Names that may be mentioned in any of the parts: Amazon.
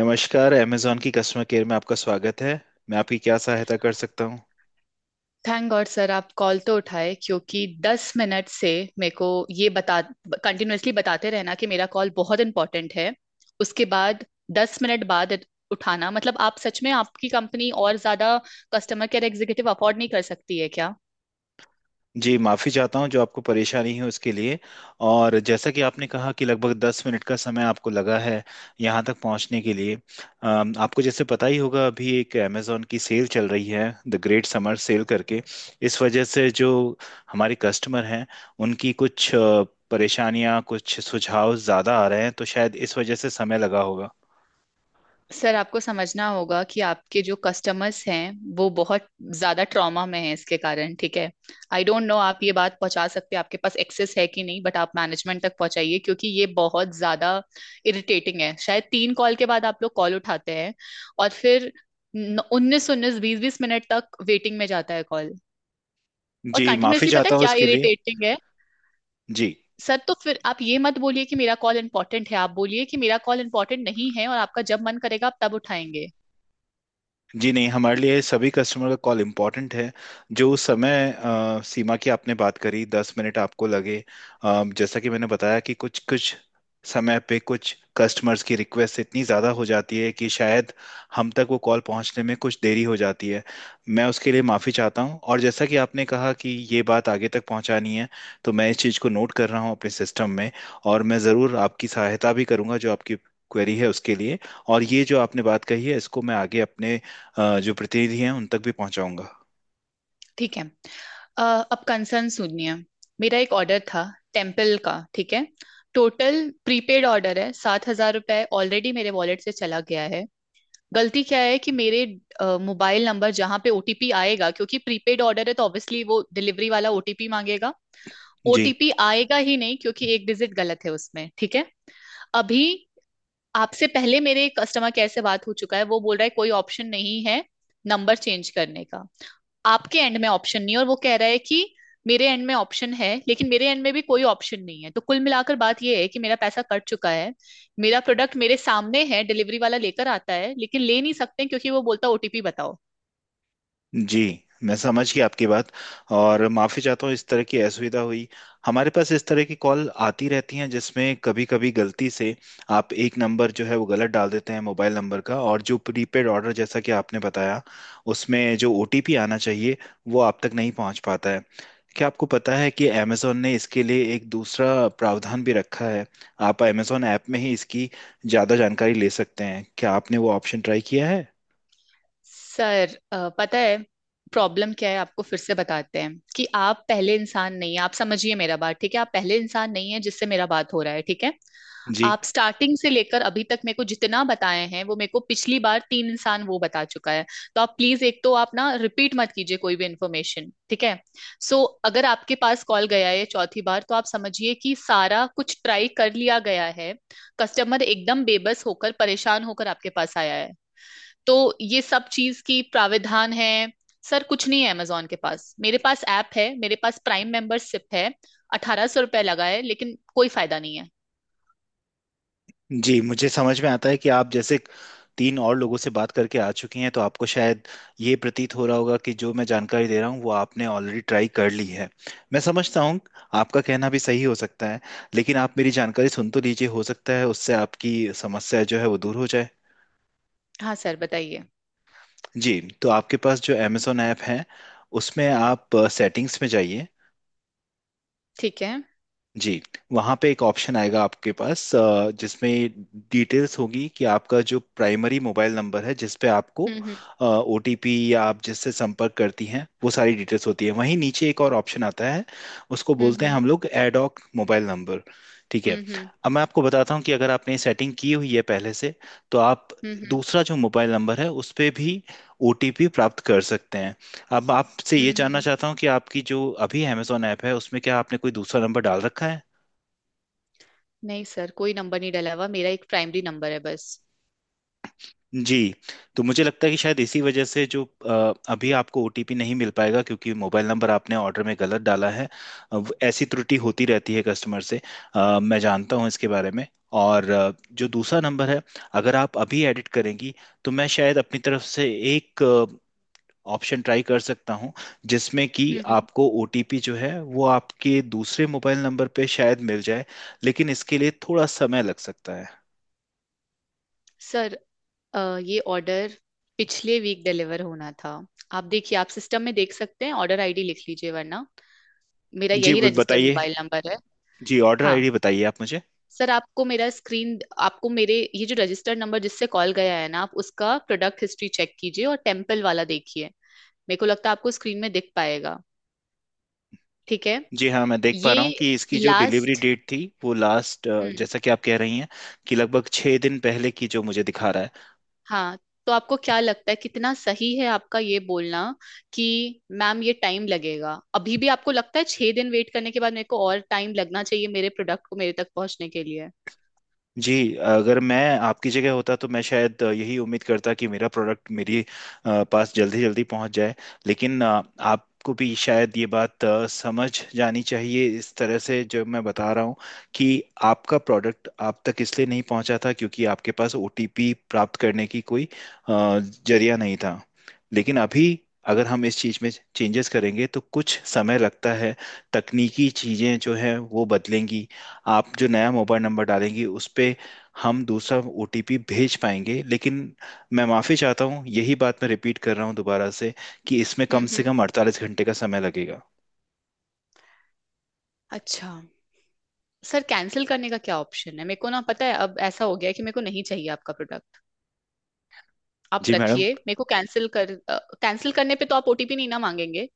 नमस्कार अमेजॉन की customer care में आपका स्वागत है। मैं आपकी क्या सहायता कर सकता हूँ। थैंक गॉड सर, आप कॉल तो उठाए क्योंकि 10 मिनट से मेरे को ये बता कंटिन्यूअसली बताते रहना कि मेरा कॉल बहुत इंपॉर्टेंट है। उसके बाद 10 मिनट बाद उठाना मतलब आप सच में आपकी कंपनी और ज्यादा कस्टमर केयर एग्जीक्यूटिव अफोर्ड नहीं कर सकती है। जी माफ़ी चाहता हूँ जो आपको परेशानी है उसके लिए। और जैसा कि आपने कहा कि लगभग 10 मिनट का समय आपको लगा है यहाँ तक पहुँचने के लिए। आपको जैसे पता ही होगा अभी एक अमेजॉन की सेल चल रही है, द ग्रेट समर सेल करके। इस वजह से जो हमारे कस्टमर हैं उनकी कुछ परेशानियाँ, कुछ सुझाव ज़्यादा आ रहे हैं, तो शायद इस वजह से समय लगा होगा। सर, आपको समझना होगा कि आपके जो कस्टमर्स हैं वो बहुत ज्यादा ट्रॉमा में हैं इसके कारण। ठीक है, आई डोंट नो आप ये बात पहुंचा सकते हैं, आपके पास एक्सेस है कि नहीं, बट आप मैनेजमेंट तक पहुंचाइए क्योंकि ये बहुत ज्यादा इरिटेटिंग है। शायद तीन कॉल के बाद आप लोग कॉल उठाते हैं और फिर 19 19 20 20 मिनट तक वेटिंग में जाता है कॉल, और जी माफ़ी कंटिन्यूअसली पता है चाहता हूँ क्या इसके लिए। इरिटेटिंग है। जी। सर तो फिर आप ये मत बोलिए कि मेरा कॉल इंपॉर्टेंट है, आप बोलिए कि मेरा कॉल इंपॉर्टेंट नहीं है और आपका जब मन करेगा आप तब उठाएंगे। जी नहीं, हमारे लिए सभी कस्टमर का कॉल इम्पॉर्टेंट है। जो उस समय सीमा की आपने बात करी, 10 मिनट आपको लगे, जैसा कि मैंने बताया कि कुछ कुछ समय पे कुछ कस्टमर्स की रिक्वेस्ट इतनी ज़्यादा हो जाती है कि शायद हम तक वो कॉल पहुंचने में कुछ देरी हो जाती है। मैं उसके लिए माफ़ी चाहता हूं। और जैसा कि आपने कहा कि ये बात आगे तक पहुंचानी है, तो मैं इस चीज़ को नोट कर रहा हूं अपने सिस्टम में। और मैं ज़रूर आपकी सहायता भी करूंगा जो आपकी क्वेरी है उसके लिए। और ये जो आपने बात कही है इसको मैं आगे अपने जो प्रतिनिधि हैं उन तक भी पहुंचाऊंगा। ठीक है। अ, अब कंसर्न सुनिए। मेरा एक ऑर्डर था टेम्पल का, ठीक है। टोटल प्रीपेड ऑर्डर है, 7,000 रुपये ऑलरेडी मेरे वॉलेट से चला गया है। गलती क्या है कि मेरे मोबाइल नंबर जहाँ पे ओटीपी आएगा, क्योंकि प्रीपेड ऑर्डर है तो ऑब्वियसली वो डिलीवरी वाला ओटीपी मांगेगा। जी। ओटीपी आएगा ही नहीं क्योंकि एक डिजिट गलत है उसमें, ठीक है। अभी आपसे पहले मेरे कस्टमर केयर से बात हो चुका है, वो बोल रहा है कोई ऑप्शन नहीं है नंबर चेंज करने का। आपके एंड में ऑप्शन नहीं है और वो कह रहा है कि मेरे एंड में ऑप्शन है, लेकिन मेरे एंड में भी कोई ऑप्शन नहीं है। तो कुल मिलाकर बात यह है कि मेरा पैसा कट चुका है, मेरा प्रोडक्ट मेरे सामने है, डिलीवरी वाला लेकर आता है लेकिन ले नहीं सकते क्योंकि वो बोलता ओटीपी बताओ। जी, मैं समझ गया आपकी बात। और माफ़ी चाहता हूँ इस तरह की असुविधा हुई। हमारे पास इस तरह की कॉल आती रहती हैं जिसमें कभी कभी गलती से आप एक नंबर जो है वो गलत डाल देते हैं मोबाइल नंबर का। और जो प्रीपेड ऑर्डर, जैसा कि आपने बताया, उसमें जो ओटीपी आना चाहिए वो आप तक नहीं पहुंच पाता है। क्या आपको पता है कि अमेज़ॉन ने इसके लिए एक दूसरा प्रावधान भी रखा है। आप अमेज़ॉन ऐप में ही इसकी ज़्यादा जानकारी ले सकते हैं। क्या आपने वो ऑप्शन ट्राई किया है। सर पता है प्रॉब्लम क्या है? आपको फिर से बताते हैं कि आप पहले इंसान नहीं है, आप समझिए मेरा बात, ठीक है? आप पहले इंसान नहीं है जिससे मेरा बात हो रहा है, ठीक है। जी। आप स्टार्टिंग से लेकर अभी तक मेरे को जितना बताए हैं वो मेरे को पिछली बार तीन इंसान वो बता चुका है। तो आप प्लीज, एक तो आप ना रिपीट मत कीजिए कोई भी इन्फॉर्मेशन, ठीक है। सो अगर आपके पास कॉल गया है चौथी बार तो आप समझिए कि सारा कुछ ट्राई कर लिया गया है। कस्टमर एकदम बेबस होकर परेशान होकर आपके पास आया है। तो ये सब चीज की प्राविधान है। सर, कुछ नहीं है अमेजोन के पास। मेरे पास ऐप है, मेरे पास प्राइम मेंबरशिप है, 1,800 रुपये लगा है, लेकिन कोई फायदा नहीं है। जी, मुझे समझ में आता है कि आप जैसे तीन और लोगों से बात करके आ चुकी हैं, तो आपको शायद ये प्रतीत हो रहा होगा कि जो मैं जानकारी दे रहा हूँ वो आपने ऑलरेडी ट्राई कर ली है। मैं समझता हूँ, आपका कहना भी सही हो सकता है। लेकिन आप मेरी जानकारी सुन तो लीजिए, हो सकता है उससे आपकी समस्या जो है वो दूर हो जाए। हाँ सर, बताइए। जी, तो आपके पास जो अमेजोन ऐप है उसमें आप सेटिंग्स में जाइए। ठीक है। जी। वहाँ पे एक ऑप्शन आएगा आपके पास, जिसमें डिटेल्स होगी कि आपका जो प्राइमरी मोबाइल नंबर है जिस पे आपको हम्म, ओटीपी या आप जिससे संपर्क करती हैं, वो सारी डिटेल्स होती है। वहीं नीचे एक और ऑप्शन आता है, उसको हम्म, बोलते हैं हम्म, हम लोग एडॉक मोबाइल नंबर। ठीक है। हम्म, अब मैं आपको बताता हूँ कि अगर आपने सेटिंग की हुई है पहले से तो आप हम्म, हम्म, दूसरा जो मोबाइल नंबर है उस पे भी ओटीपी प्राप्त कर सकते हैं। अब आपसे हम्म, ये जानना चाहता हूँ कि आपकी जो अभी अमेजोन ऐप है उसमें क्या आपने कोई दूसरा नंबर डाल रखा है। नहीं सर, कोई नंबर नहीं डला हुआ, मेरा एक प्राइमरी नंबर है बस। जी। तो मुझे लगता है कि शायद इसी वजह से जो अभी आपको ओटीपी नहीं मिल पाएगा, क्योंकि मोबाइल नंबर आपने ऑर्डर में गलत डाला है। अब ऐसी त्रुटि होती रहती है कस्टमर से। मैं जानता हूँ इसके बारे में। और जो दूसरा नंबर है, अगर आप अभी एडिट करेंगी तो मैं शायद अपनी तरफ से एक ऑप्शन ट्राई कर सकता हूँ जिसमें कि हम्म, आपको ओटीपी जो है वो आपके दूसरे मोबाइल नंबर पे शायद मिल जाए। लेकिन इसके लिए थोड़ा समय लग सकता है। सर ये ऑर्डर पिछले वीक डिलीवर होना था। आप देखिए, आप सिस्टम में देख सकते हैं, ऑर्डर आईडी लिख लीजिए वरना, मेरा जी, यही रजिस्टर बताइए। मोबाइल नंबर है। जी, ऑर्डर हाँ आईडी बताइए आप मुझे। सर, आपको मेरा स्क्रीन, आपको मेरे ये जो रजिस्टर नंबर जिससे कॉल गया है ना, आप उसका प्रोडक्ट हिस्ट्री चेक कीजिए और टेम्पल वाला देखिए। मेरे को लगता है आपको स्क्रीन में दिख पाएगा, ठीक है। जी हाँ, मैं देख पा ये रहा हूँ कि इसकी जो डिलीवरी लास्ट। डेट थी वो लास्ट, हम्म। जैसा कि आप कह रही हैं, कि लगभग 6 दिन पहले की जो मुझे दिखा रहा है। हाँ तो आपको क्या लगता है, कितना सही है आपका ये बोलना कि मैम ये टाइम लगेगा? अभी भी आपको लगता है 6 दिन वेट करने के बाद मेरे को और टाइम लगना चाहिए मेरे प्रोडक्ट को मेरे तक पहुंचने के लिए? जी, अगर मैं आपकी जगह होता तो मैं शायद यही उम्मीद करता कि मेरा प्रोडक्ट मेरी पास जल्दी जल्दी पहुंच जाए। लेकिन आपको भी शायद ये बात समझ जानी चाहिए, इस तरह से जो मैं बता रहा हूँ, कि आपका प्रोडक्ट आप तक इसलिए नहीं पहुंचा था क्योंकि आपके पास ओटीपी प्राप्त करने की कोई अ, जरिया नहीं था। लेकिन अभी अगर हम इस चीज़ में चेंजेस करेंगे तो कुछ समय लगता है। तकनीकी चीज़ें जो हैं वो बदलेंगी। आप जो नया मोबाइल नंबर डालेंगी उस पे हम दूसरा ओटीपी भेज पाएंगे। लेकिन मैं माफ़ी चाहता हूँ, यही बात मैं रिपीट कर रहा हूँ दोबारा से, कि इसमें कम हम्म, से हम्म। कम 48 घंटे का समय लगेगा। अच्छा, सर कैंसिल करने का क्या ऑप्शन है? मेरे को ना पता है अब ऐसा हो गया है कि मेरे को नहीं चाहिए आपका प्रोडक्ट, आप जी मैडम। रखिए। मेरे को कैंसिल कर, कैंसिल करने पे तो आप ओटीपी नहीं ना मांगेंगे?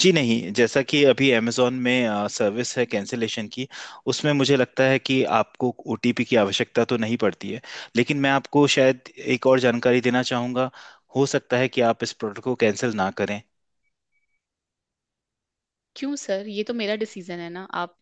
जी नहीं, जैसा कि अभी अमेजोन में सर्विस है कैंसिलेशन की, उसमें मुझे लगता है कि आपको ओटीपी की आवश्यकता तो नहीं पड़ती है। लेकिन मैं आपको शायद एक और जानकारी देना चाहूँगा। हो सकता है कि आप इस प्रोडक्ट को कैंसिल ना करें। क्यों सर, ये तो मेरा डिसीजन है ना आप।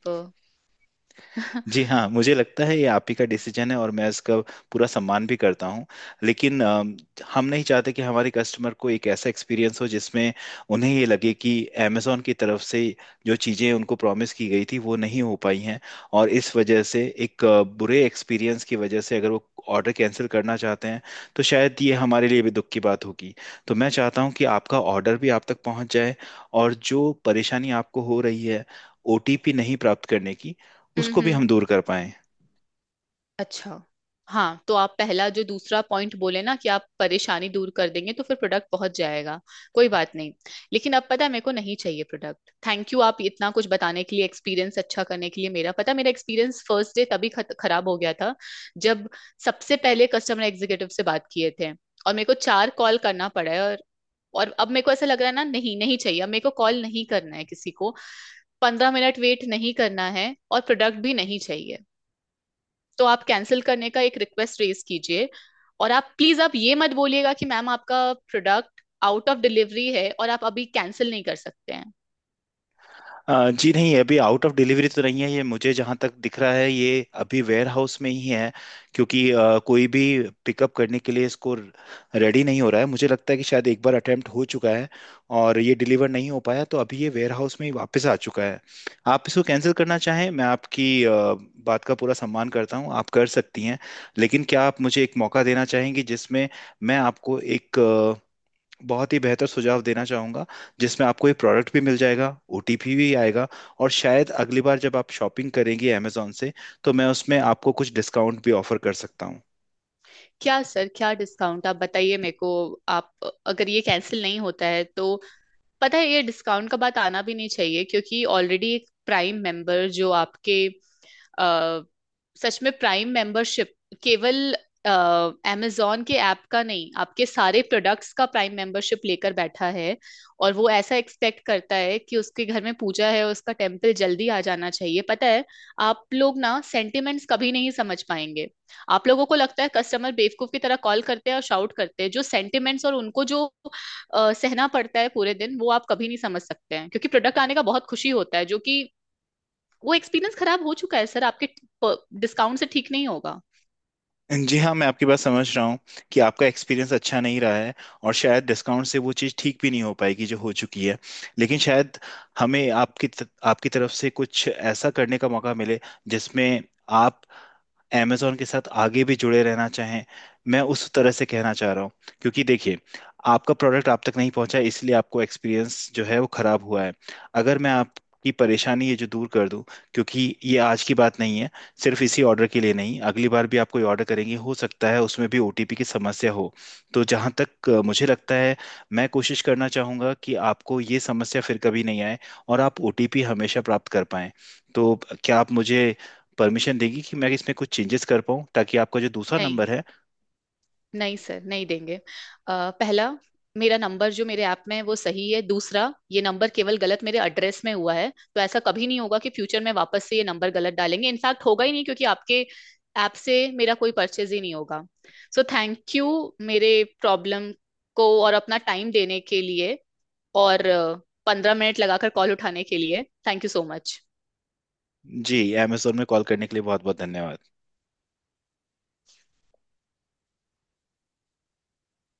जी हाँ, मुझे लगता है ये आप ही का डिसीजन है और मैं इसका पूरा सम्मान भी करता हूँ। लेकिन हम नहीं चाहते कि हमारे कस्टमर को एक ऐसा एक्सपीरियंस हो जिसमें उन्हें ये लगे कि अमेजोन की तरफ से जो चीज़ें उनको प्रॉमिस की गई थी वो नहीं हो पाई हैं, और इस वजह से एक बुरे एक्सपीरियंस की वजह से अगर वो ऑर्डर कैंसिल करना चाहते हैं, तो शायद ये हमारे लिए भी दुख की बात होगी। तो मैं चाहता हूँ कि आपका ऑर्डर भी आप तक पहुँच जाए और जो परेशानी आपको हो रही है ओटीपी नहीं प्राप्त करने की, हम्म, उसको भी हम्म। हम दूर कर पाए। अच्छा। हाँ तो आप पहला जो दूसरा पॉइंट बोले ना, कि आप परेशानी दूर कर देंगे तो फिर प्रोडक्ट पहुंच जाएगा, कोई बात नहीं। लेकिन अब पता है, मेरे को नहीं चाहिए प्रोडक्ट। थैंक यू आप इतना कुछ बताने के लिए, एक्सपीरियंस अच्छा करने के लिए। मेरा पता है, मेरा एक्सपीरियंस फर्स्ट डे तभी खराब हो गया था, जब सबसे पहले कस्टमर एग्जीक्यूटिव से बात किए थे। और मेरे को चार कॉल करना पड़ा है और अब मेरे को ऐसा लग रहा है ना, नहीं नहीं चाहिए। अब मेरे को कॉल नहीं करना है किसी को, 15 मिनट वेट नहीं करना है, और प्रोडक्ट भी नहीं चाहिए। तो आप कैंसिल करने का एक रिक्वेस्ट रेज कीजिए। और आप प्लीज आप ये मत बोलिएगा कि मैम आपका प्रोडक्ट आउट ऑफ डिलीवरी है और आप अभी कैंसिल नहीं कर सकते हैं। जी नहीं, अभी आउट ऑफ डिलीवरी तो नहीं है, ये मुझे जहाँ तक दिख रहा है ये अभी वेयर हाउस में ही है। क्योंकि कोई भी पिकअप करने के लिए इसको रेडी नहीं हो रहा है। मुझे लगता है कि शायद एक बार अटेम्प्ट हो चुका है और ये डिलीवर नहीं हो पाया, तो अभी ये वेयर हाउस में ही वापस आ चुका है। आप इसको कैंसिल करना चाहें, मैं आपकी बात का पूरा सम्मान करता हूँ, आप कर सकती हैं। लेकिन क्या आप मुझे एक मौका देना चाहेंगी जिसमें मैं आपको एक बहुत ही बेहतर सुझाव देना चाहूँगा, जिसमें आपको ये प्रोडक्ट भी मिल जाएगा, ओटीपी भी आएगा। और शायद अगली बार जब आप शॉपिंग करेंगी अमेजोन से तो मैं उसमें आपको कुछ डिस्काउंट भी ऑफर कर सकता हूँ। क्या सर, क्या डिस्काउंट? आप बताइए मेरे को। आप, अगर ये कैंसिल नहीं होता है तो पता है, ये डिस्काउंट का बात आना भी नहीं चाहिए, क्योंकि ऑलरेडी एक प्राइम मेंबर जो आपके अ, सच में प्राइम मेंबरशिप केवल अमेजोन के ऐप का नहीं, आपके सारे प्रोडक्ट्स का प्राइम मेंबरशिप लेकर बैठा है। और वो ऐसा एक्सपेक्ट करता है कि उसके घर में पूजा है, उसका टेम्पल जल्दी आ जाना चाहिए, पता है। आप लोग ना सेंटिमेंट्स कभी नहीं समझ पाएंगे। आप लोगों को लगता है कस्टमर बेवकूफ की तरह कॉल करते हैं और शाउट करते हैं। जो सेंटिमेंट्स और उनको जो सहना पड़ता है पूरे दिन, वो आप कभी नहीं समझ सकते हैं, क्योंकि प्रोडक्ट आने का बहुत खुशी होता है। जो कि वो एक्सपीरियंस खराब हो चुका है, सर आपके डिस्काउंट से ठीक नहीं होगा। जी हाँ, मैं आपकी बात समझ रहा हूँ कि आपका एक्सपीरियंस अच्छा नहीं रहा है, और शायद डिस्काउंट से वो चीज़ ठीक भी नहीं हो पाएगी जो हो चुकी है। लेकिन शायद हमें आपकी आपकी तरफ से कुछ ऐसा करने का मौका मिले जिसमें आप amazon के साथ आगे भी जुड़े रहना चाहें। मैं उस तरह से कहना चाह रहा हूँ। क्योंकि देखिए, आपका प्रोडक्ट आप तक नहीं पहुंचा इसलिए आपको एक्सपीरियंस जो है वो खराब हुआ है। अगर मैं आपकी परेशानी ये जो दूर कर दूं, क्योंकि ये आज की बात नहीं है, सिर्फ इसी ऑर्डर के लिए नहीं, अगली बार भी आप कोई ऑर्डर करेंगे हो सकता है उसमें भी ओटीपी की समस्या हो। तो जहां तक मुझे लगता है मैं कोशिश करना चाहूंगा कि आपको ये समस्या फिर कभी नहीं आए और आप ओटीपी हमेशा प्राप्त कर पाएं। तो क्या आप मुझे परमिशन देगी कि मैं इसमें कुछ चेंजेस कर पाऊँ ताकि आपका जो दूसरा नहीं, नंबर है। नहीं सर, नहीं देंगे। पहला, मेरा नंबर जो मेरे ऐप में है वो सही है। दूसरा, ये नंबर केवल गलत मेरे एड्रेस में हुआ है, तो ऐसा कभी नहीं होगा कि फ्यूचर में वापस से ये नंबर गलत डालेंगे। इनफैक्ट होगा ही नहीं, क्योंकि आपके ऐप से मेरा कोई परचेज ही नहीं होगा। सो थैंक यू मेरे प्रॉब्लम को और अपना टाइम देने के लिए, और 15 मिनट लगाकर कॉल उठाने के लिए। Thank you so much. जी, अमेजोन में कॉल करने के लिए बहुत बहुत धन्यवाद।